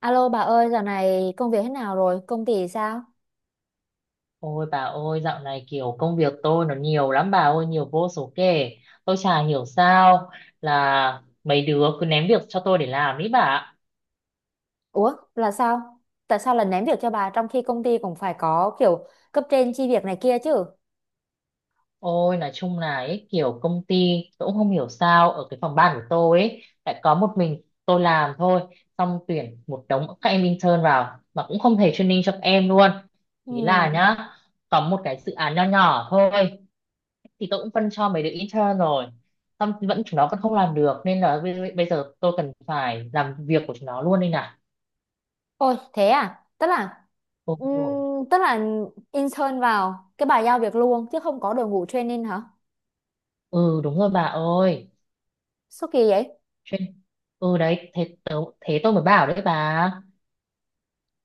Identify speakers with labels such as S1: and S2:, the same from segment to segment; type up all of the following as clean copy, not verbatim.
S1: Alo bà ơi, dạo này công việc thế nào rồi? Công ty sao?
S2: Ôi bà ơi, dạo này kiểu công việc tôi nó nhiều lắm bà ơi, nhiều vô số kể. Tôi chả hiểu sao là mấy đứa cứ ném việc cho tôi để làm ý bà ạ.
S1: Ủa, là sao? Tại sao lại ném việc cho bà trong khi công ty cũng phải có kiểu cấp trên chi việc này kia chứ?
S2: Ôi, nói chung là ấy, kiểu công ty tôi cũng không hiểu sao ở cái phòng ban của tôi ấy, lại có một mình tôi làm thôi. Xong tuyển một đống các em intern vào mà cũng không hề training cho các em luôn. Thế là
S1: Ừm,
S2: nhá, có một cái dự án nho nhỏ thôi thì tôi cũng phân cho mấy đứa intern rồi xong vẫn chúng nó vẫn không làm được nên là bây giờ tôi cần phải làm việc của chúng nó luôn đây nè.
S1: Ôi, thế à? Tức là
S2: Ồ,
S1: ừm, tức là intern vào cái bà giao việc luôn chứ không có đội ngũ training hả?
S2: ừ đúng rồi bà ơi.
S1: Sao kỳ vậy?
S2: Chuyên... ừ đấy thế tôi mới bảo đấy bà.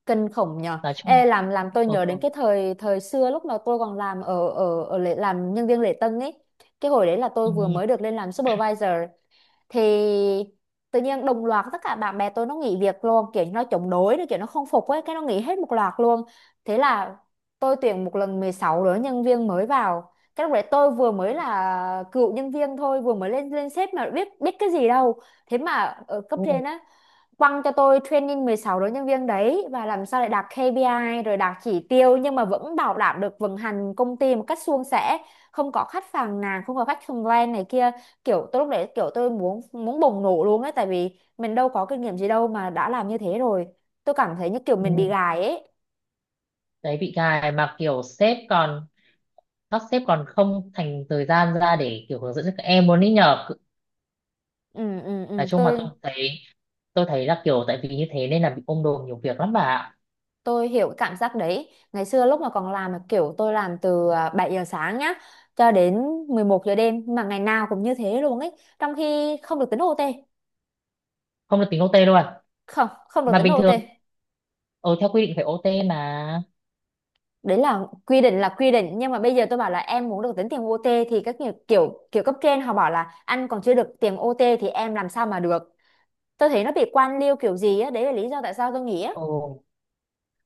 S1: Kinh khủng nhờ.
S2: Nói chung.
S1: Ê làm tôi
S2: Ừ,
S1: nhớ đến cái thời thời xưa lúc mà tôi còn làm ở ở ở lễ, làm nhân viên lễ tân ấy. Cái hồi đấy là tôi
S2: ừ,
S1: vừa mới được lên làm supervisor thì tự nhiên đồng loạt tất cả bạn bè tôi nó nghỉ việc luôn, kiểu như nó chống đối rồi kiểu nó không phục ấy, cái nó nghỉ hết một loạt luôn. Thế là tôi tuyển một lần 16 đứa nhân viên mới vào, cái lúc đấy tôi vừa mới là cựu nhân viên thôi, vừa mới lên lên sếp mà biết biết cái gì đâu. Thế mà ở cấp
S2: ừ,
S1: trên á quăng cho tôi training 16 đối nhân viên đấy và làm sao để đạt KPI rồi đạt chỉ tiêu, nhưng mà vẫn bảo đảm được vận hành công ty một cách suôn sẻ, không có khách phàn nàn, không có khách complain này kia. Kiểu tôi lúc đấy kiểu tôi muốn muốn bùng nổ luôn ấy, tại vì mình đâu có kinh nghiệm gì đâu mà đã làm như thế rồi. Tôi cảm thấy như kiểu
S2: ừ.
S1: mình bị gài ấy.
S2: Đấy bị gài mà kiểu sếp còn các sếp còn không thành thời gian ra để kiểu hướng dẫn cho các em luôn ý nhờ.
S1: Ừ, ừ,
S2: Nói
S1: ừ,
S2: chung mà
S1: tôi
S2: tôi thấy là kiểu tại vì như thế nên là bị ôm đồm nhiều việc lắm bà ạ.
S1: tôi hiểu cái cảm giác đấy. Ngày xưa lúc mà còn làm là kiểu tôi làm từ 7 giờ sáng nhá cho đến 11 giờ đêm mà ngày nào cũng như thế luôn ấy, trong khi không được tính OT.
S2: Không được tính ô tê luôn
S1: Không không được
S2: mà
S1: tính
S2: bình thường.
S1: OT.
S2: Ừ, theo quy định phải OT mà.
S1: Đấy là quy định là quy định, nhưng mà bây giờ tôi bảo là em muốn được tính tiền OT thì các kiểu kiểu kiểu cấp trên họ bảo là anh còn chưa được tiền OT thì em làm sao mà được. Tôi thấy nó bị quan liêu kiểu gì á, đấy là lý do tại sao tôi nghĩ á.
S2: Ừ,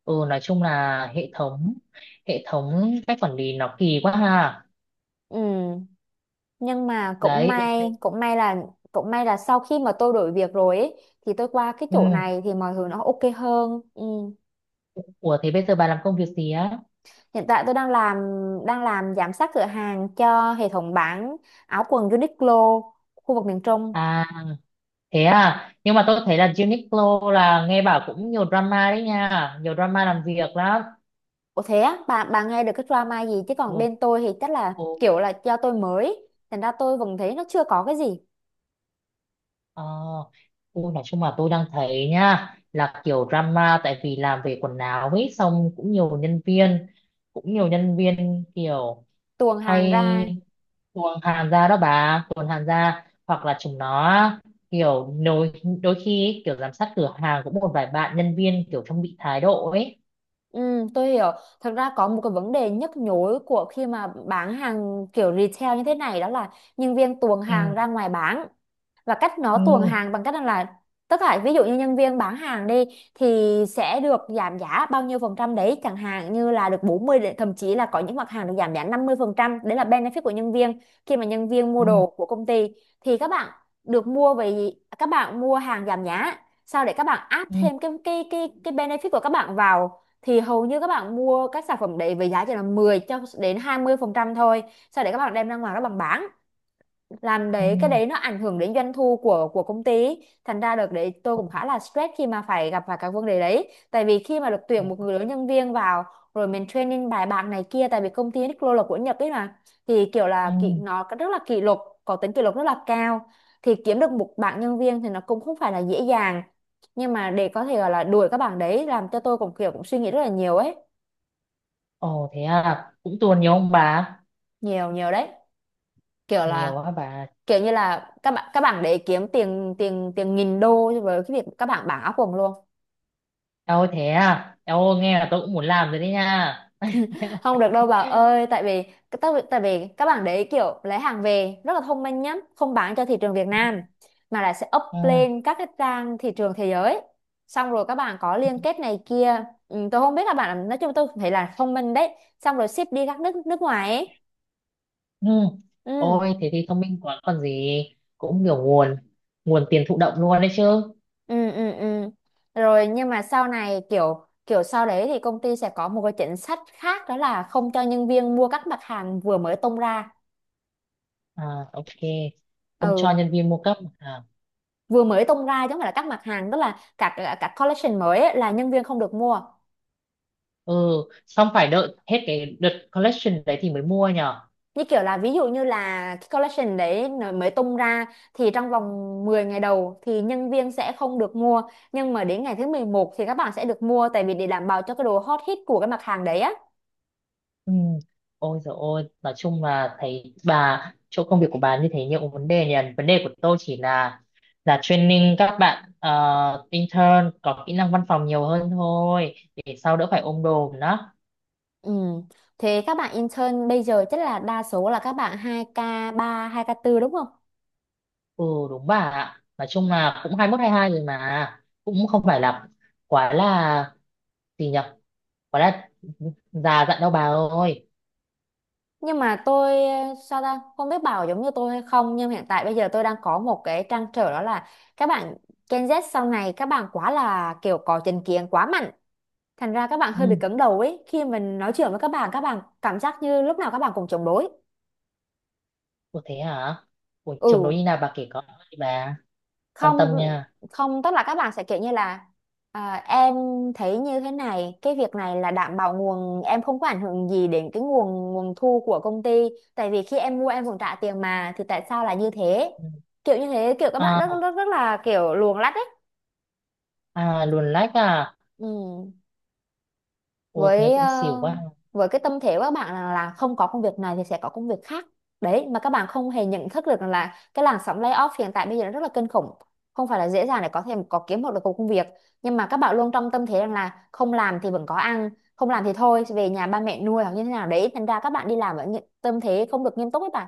S2: ừ nói chung là hệ thống cách quản lý nó kỳ quá ha.
S1: Ừ, nhưng mà cũng
S2: Đấy OT.
S1: may cũng may là cũng may là sau khi mà tôi đổi việc rồi ấy, thì tôi qua cái chỗ
S2: Ừ.
S1: này thì mọi thứ nó ok hơn. Ừ.
S2: Ủa thế bây giờ bà làm công việc gì á
S1: Hiện tại tôi đang làm giám sát cửa hàng cho hệ thống bán áo quần Uniqlo khu vực miền Trung.
S2: à thế à nhưng mà tôi thấy là Uniqlo là nghe bảo cũng nhiều drama đấy nha nhiều drama làm việc lắm.
S1: Ủa thế á, bà nghe được cái drama gì, chứ còn
S2: Ừ.
S1: bên tôi thì chắc là
S2: Ừ.
S1: kiểu là do tôi mới thành ra tôi cũng thấy nó chưa có cái gì.
S2: Ờ, tôi nói chung là tôi đang thấy nha là kiểu drama tại vì làm về quần áo ấy xong cũng nhiều nhân viên kiểu
S1: Tuồng hàng
S2: hay
S1: ra.
S2: tuồn hàng ra đó bà tuồn hàng ra hoặc là chúng nó kiểu đôi đôi khi ấy, kiểu giám sát cửa hàng cũng một vài bạn nhân viên kiểu trong bị thái độ ấy.
S1: Ừ, tôi hiểu. Thật ra có một cái vấn đề nhức nhối của khi mà bán hàng kiểu retail như thế này, đó là nhân viên tuồng
S2: Ừ,
S1: hàng ra ngoài bán. Và cách nó
S2: ừ,
S1: tuồn hàng bằng cách là tất cả, ví dụ như nhân viên bán hàng đi thì sẽ được giảm giá bao nhiêu phần trăm đấy, chẳng hạn như là được 40 đến- thậm chí là có những mặt hàng được giảm giá 50%. Đấy là benefit của nhân viên. Khi mà nhân viên mua
S2: ừ,
S1: đồ của công ty thì các bạn được mua về, các bạn mua hàng giảm giá, sau để các bạn áp
S2: ừ,
S1: thêm cái benefit của các bạn vào thì hầu như các bạn mua các sản phẩm đấy với giá chỉ là 10 cho đến 20% thôi, sau để các bạn đem ra ngoài các bạn bán. Làm
S2: ừ,
S1: đấy, cái đấy nó ảnh hưởng đến doanh thu của công ty. Thành ra đợt đấy tôi
S2: ừ,
S1: cũng khá là stress khi mà phải gặp phải các vấn đề đấy, tại vì khi mà được tuyển
S2: thế-
S1: một người lớn nhân viên vào rồi mình training bài bản này kia, tại vì công ty Uniqlo là của Nhật ấy mà thì kiểu
S2: ừ.
S1: là kỷ nó rất là kỷ luật, có tính kỷ luật rất là cao. Thì kiếm được một bạn nhân viên thì nó cũng không phải là dễ dàng, nhưng mà để có thể gọi là đuổi các bạn đấy làm cho tôi cũng kiểu cũng suy nghĩ rất là nhiều ấy.
S2: Ồ thế à cũng tuồn nhiều không bà?
S1: Nhiều, nhiều đấy. Kiểu
S2: Nhiều
S1: là,
S2: á bà?
S1: kiểu như là các bạn để kiếm tiền tiền tiền nghìn đô với cái việc các bạn bán áo quần luôn.
S2: Trời ơi, thế à? Trời ơi, nghe là tôi cũng muốn làm rồi đấy nha.
S1: Không được đâu bà ơi. Tại vì, tại vì các bạn đấy kiểu lấy hàng về rất là thông minh nhá, không bán cho thị trường Việt Nam mà là sẽ up
S2: Ừ.
S1: lên các cái trang thị trường thế giới, xong rồi các bạn có liên kết này kia. Ừ, tôi không biết là bạn, nói chung tôi thấy là thông minh đấy. Xong rồi ship đi các nước nước ngoài ấy.
S2: Ừ.
S1: Ừ,
S2: Ôi, thế thì thông minh quá còn gì. Cũng kiểu nguồn tiền thụ động luôn đấy chứ.
S1: ừ, ừ, ừ, rồi. Nhưng mà sau này kiểu kiểu sau đấy thì công ty sẽ có một cái chính sách khác, đó là không cho nhân viên mua các mặt hàng vừa mới tung ra.
S2: À, ok. Không cho
S1: Ừ,
S2: nhân viên mua cấp. À,
S1: vừa mới tung ra chứ không phải là các mặt hàng, tức là các collection mới ấy, là nhân viên không được mua.
S2: ừ, xong phải đợi hết cái đợt collection đấy thì mới mua nhở.
S1: Như kiểu là ví dụ như là cái collection đấy nó mới tung ra thì trong vòng 10 ngày đầu thì nhân viên sẽ không được mua, nhưng mà đến ngày thứ 11 thì các bạn sẽ được mua, tại vì để đảm bảo cho cái độ hot hit của cái mặt hàng đấy á.
S2: Ừ. Ôi dồi ôi, nói chung là thấy bà chỗ công việc của bà như thế nhiều vấn đề nhỉ. Vấn đề của tôi chỉ là training các bạn ờ, intern có kỹ năng văn phòng nhiều hơn thôi để sau đỡ phải ôm đồm đó.
S1: Ừ. Thế các bạn intern bây giờ chắc là đa số là các bạn hai k ba, hai k bốn đúng không?
S2: Ừ đúng bà ạ. Nói chung là cũng hai mốt hai hai rồi mà cũng không phải là quá là gì nhỉ? Quá là già dặn đâu bà ơi.
S1: Nhưng mà tôi sao ta, không biết bảo giống như tôi hay không, nhưng hiện tại bây giờ tôi đang có một cái trăn trở đó là các bạn Gen Z sau này các bạn quá là kiểu có chính kiến quá mạnh, thành ra các bạn hơi bị
S2: Ừ.
S1: cứng đầu ấy. Khi mình nói chuyện với các bạn, các bạn cảm giác như lúc nào các bạn cũng chống đối.
S2: Ủa thế hả? Ủa
S1: Ừ,
S2: chồng đối như nào bà kể có bà quan
S1: không,
S2: tâm nha.
S1: không, tức là các bạn sẽ kiểu như là em thấy như thế này, cái việc này là đảm bảo nguồn, em không có ảnh hưởng gì đến cái nguồn nguồn thu của công ty tại vì khi em mua em cũng trả tiền mà, thì tại sao là như thế.
S2: Ừ.
S1: Kiểu như thế, kiểu các bạn
S2: Ờ.
S1: rất rất rất là kiểu luồng lách ấy.
S2: À luồn lách à.
S1: Ừ.
S2: Ôi nghe
S1: Với
S2: cũng xỉu quá.
S1: với cái tâm thế của các bạn là, không có công việc này thì sẽ có công việc khác. Đấy, mà các bạn không hề nhận thức được rằng là cái làn sóng layoff hiện tại bây giờ nó rất là kinh khủng, không phải là dễ dàng để có thể có kiếm một được một công việc. Nhưng mà các bạn luôn trong tâm thế rằng là không làm thì vẫn có ăn, không làm thì thôi về nhà ba mẹ nuôi hoặc như thế nào đấy, thành ra các bạn đi làm ở những tâm thế không được nghiêm túc ấy bạn.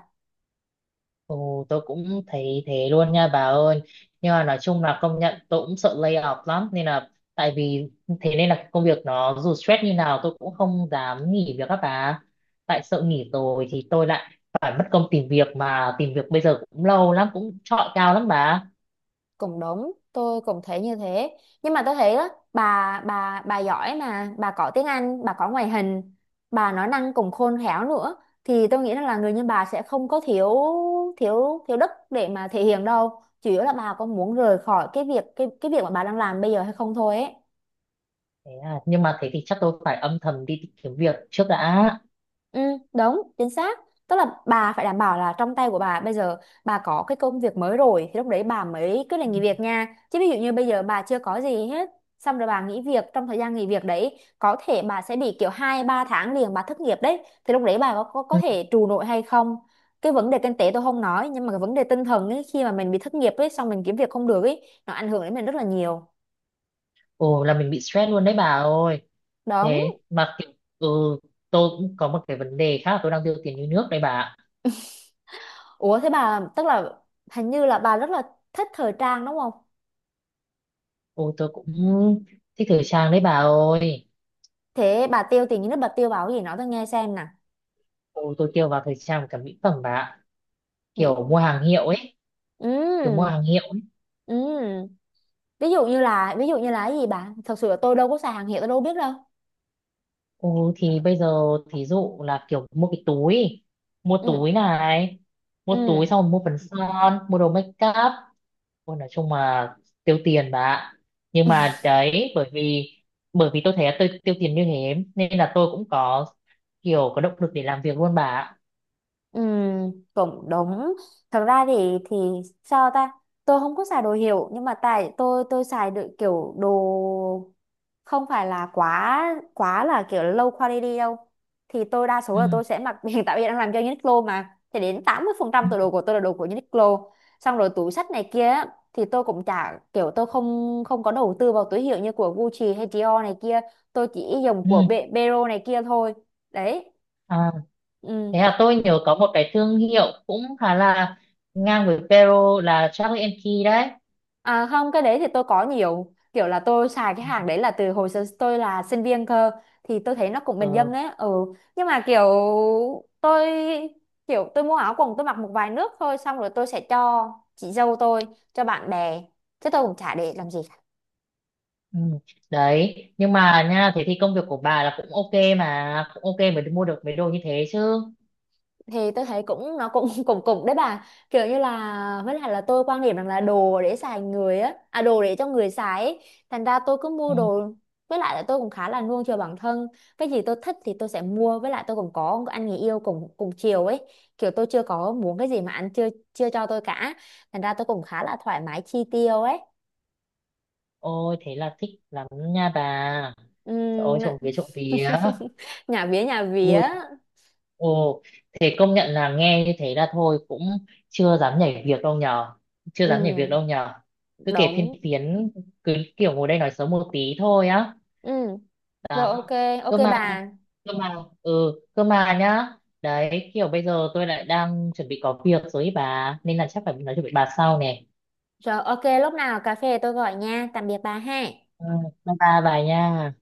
S2: Ồ tôi cũng thấy thế luôn nha bà ơi. Nhưng mà nói chung là công nhận tôi cũng sợ lay off lắm, nên là tại vì thế nên là công việc nó dù stress như nào tôi cũng không dám nghỉ việc các bà. Tại sợ nghỉ rồi thì tôi lại phải mất công tìm việc. Mà tìm việc bây giờ cũng lâu lắm cũng chọi cao lắm bà.
S1: Cũng đúng, tôi cũng thấy như thế. Nhưng mà tôi thấy đó bà, bà giỏi mà bà có tiếng Anh, bà có ngoại hình, bà nói năng cũng khôn khéo nữa, thì tôi nghĩ rằng là người như bà sẽ không có thiếu thiếu thiếu đức để mà thể hiện đâu, chủ yếu là bà có muốn rời khỏi cái việc cái việc mà bà đang làm bây giờ hay không thôi ấy.
S2: Thế à, nhưng mà thế thì chắc tôi phải âm thầm đi tìm kiếm việc trước đã.
S1: Ừ, đúng, chính xác. Tức là bà phải đảm bảo là trong tay của bà bây giờ bà có cái công việc mới rồi thì lúc đấy bà mới cứ là nghỉ việc nha. Chứ ví dụ như bây giờ bà chưa có gì hết, xong rồi bà nghỉ việc, trong thời gian nghỉ việc đấy, có thể bà sẽ bị kiểu 2 3 tháng liền bà thất nghiệp đấy. Thì lúc đấy bà có thể trụ nổi hay không? Cái vấn đề kinh tế tôi không nói, nhưng mà cái vấn đề tinh thần ấy, khi mà mình bị thất nghiệp ấy, xong mình kiếm việc không được ấy, nó ảnh hưởng đến mình rất là nhiều.
S2: Ồ là mình bị stress luôn đấy bà ơi.
S1: Đúng.
S2: Thế mà kiểu ừ, tôi cũng có một cái vấn đề khác là tôi đang tiêu tiền như nước đấy bà ạ.
S1: Ủa thế bà, tức là hình như là bà rất là thích thời trang đúng không?
S2: Ôi tôi cũng thích thời trang đấy bà ơi.
S1: Thế bà tiêu tiền như nước, bà tiêu bảo gì nói tôi nghe xem nè.
S2: Ôi tôi tiêu vào thời trang và cả mỹ phẩm bà ạ.
S1: Nghĩ.
S2: Kiểu mua hàng hiệu ấy, kiểu mua
S1: Ừ,
S2: hàng hiệu ấy.
S1: ừ. Ví dụ như là, ví dụ như là cái gì bà? Thật sự là tôi đâu có xài hàng hiệu, tôi đâu biết đâu.
S2: Ồ thì bây giờ thí dụ là kiểu mua cái túi, mua
S1: Ừ.
S2: túi này, mua
S1: Ừ.
S2: túi xong rồi mua phấn son, mua đồ make up. Ôi, nói chung là tiêu tiền bà ạ. Nhưng mà đấy bởi vì tôi thấy là tôi tiêu tiền như thế nên là tôi cũng có kiểu có động lực để làm việc luôn bà ạ.
S1: Ừ, cũng đúng. Thật ra thì sao ta? Tôi không có xài đồ hiệu, nhưng mà tại tôi xài được kiểu đồ không phải là quá quá là kiểu low quality đâu. Thì tôi đa số
S2: Ừ.
S1: là tôi sẽ mặc hiện tại bây giờ đang làm cho Uniqlo mà thì đến 80%
S2: Ừ,
S1: từ đồ của tôi là đồ của Uniqlo. Xong rồi túi xách này kia á, thì tôi cũng chả kiểu tôi không không có đầu tư vào túi hiệu như của Gucci hay Dior này kia, tôi chỉ dùng của
S2: ừ.
S1: Bero này kia thôi. Đấy.
S2: À,
S1: Ừ.
S2: thế là tôi nhớ có một cái thương hiệu cũng khá là ngang với Pero là Charlie and Key đấy.
S1: À không, cái đấy thì tôi có nhiều. Kiểu là tôi xài cái
S2: Ừ.
S1: hàng đấy là từ hồi tôi là sinh viên cơ. Thì tôi thấy nó cũng bình
S2: Ờ,
S1: dân đấy. Ừ. Nhưng mà tôi kiểu tôi mua áo quần tôi mặc một vài nước thôi xong rồi tôi sẽ cho chị dâu tôi, cho bạn bè. Chứ tôi cũng chả để làm gì.
S2: ừ. Đấy nhưng mà nha thế thì công việc của bà là cũng ok mà cũng ok mới mua được mấy đồ như thế chứ.
S1: Thì tôi thấy cũng nó cũng cũng cũng đấy bà, kiểu như là với lại là tôi quan niệm rằng là đồ để xài người á à đồ để cho người xài ấy. Thành ra tôi cứ mua đồ,
S2: Ừ.
S1: với lại là tôi cũng khá là nuông chiều bản thân, cái gì tôi thích thì tôi sẽ mua. Với lại tôi cũng có một anh người yêu cùng cùng chiều ấy, kiểu tôi chưa có muốn cái gì mà anh chưa chưa cho tôi cả, thành ra tôi cũng khá là thoải mái chi tiêu ấy.
S2: Ôi thế là thích lắm nha bà. Trời ôi
S1: Ừm.
S2: trộm vía trộm vía.
S1: Nhà vía nhà
S2: Ôi,
S1: vía.
S2: ồ, thế công nhận là nghe như thế là thôi cũng chưa dám nhảy việc đâu nhờ, chưa
S1: Ừ,
S2: dám nhảy việc đâu nhờ. Cứ kể phiên
S1: đúng.
S2: phiến, cứ kiểu ngồi đây nói xấu một tí thôi á.
S1: Ừ, rồi
S2: Đó,
S1: ok, ok
S2: cơ mà,
S1: bà.
S2: cơ mà, ừ, cơ mà nhá. Đấy, kiểu bây giờ tôi lại đang chuẩn bị có việc rồi ý bà, nên là chắc phải nói chuyện với bà sau nè.
S1: Rồi ok, lúc nào cà phê tôi gọi nha. Tạm biệt bà ha.
S2: Ừ, bye bye bà nha.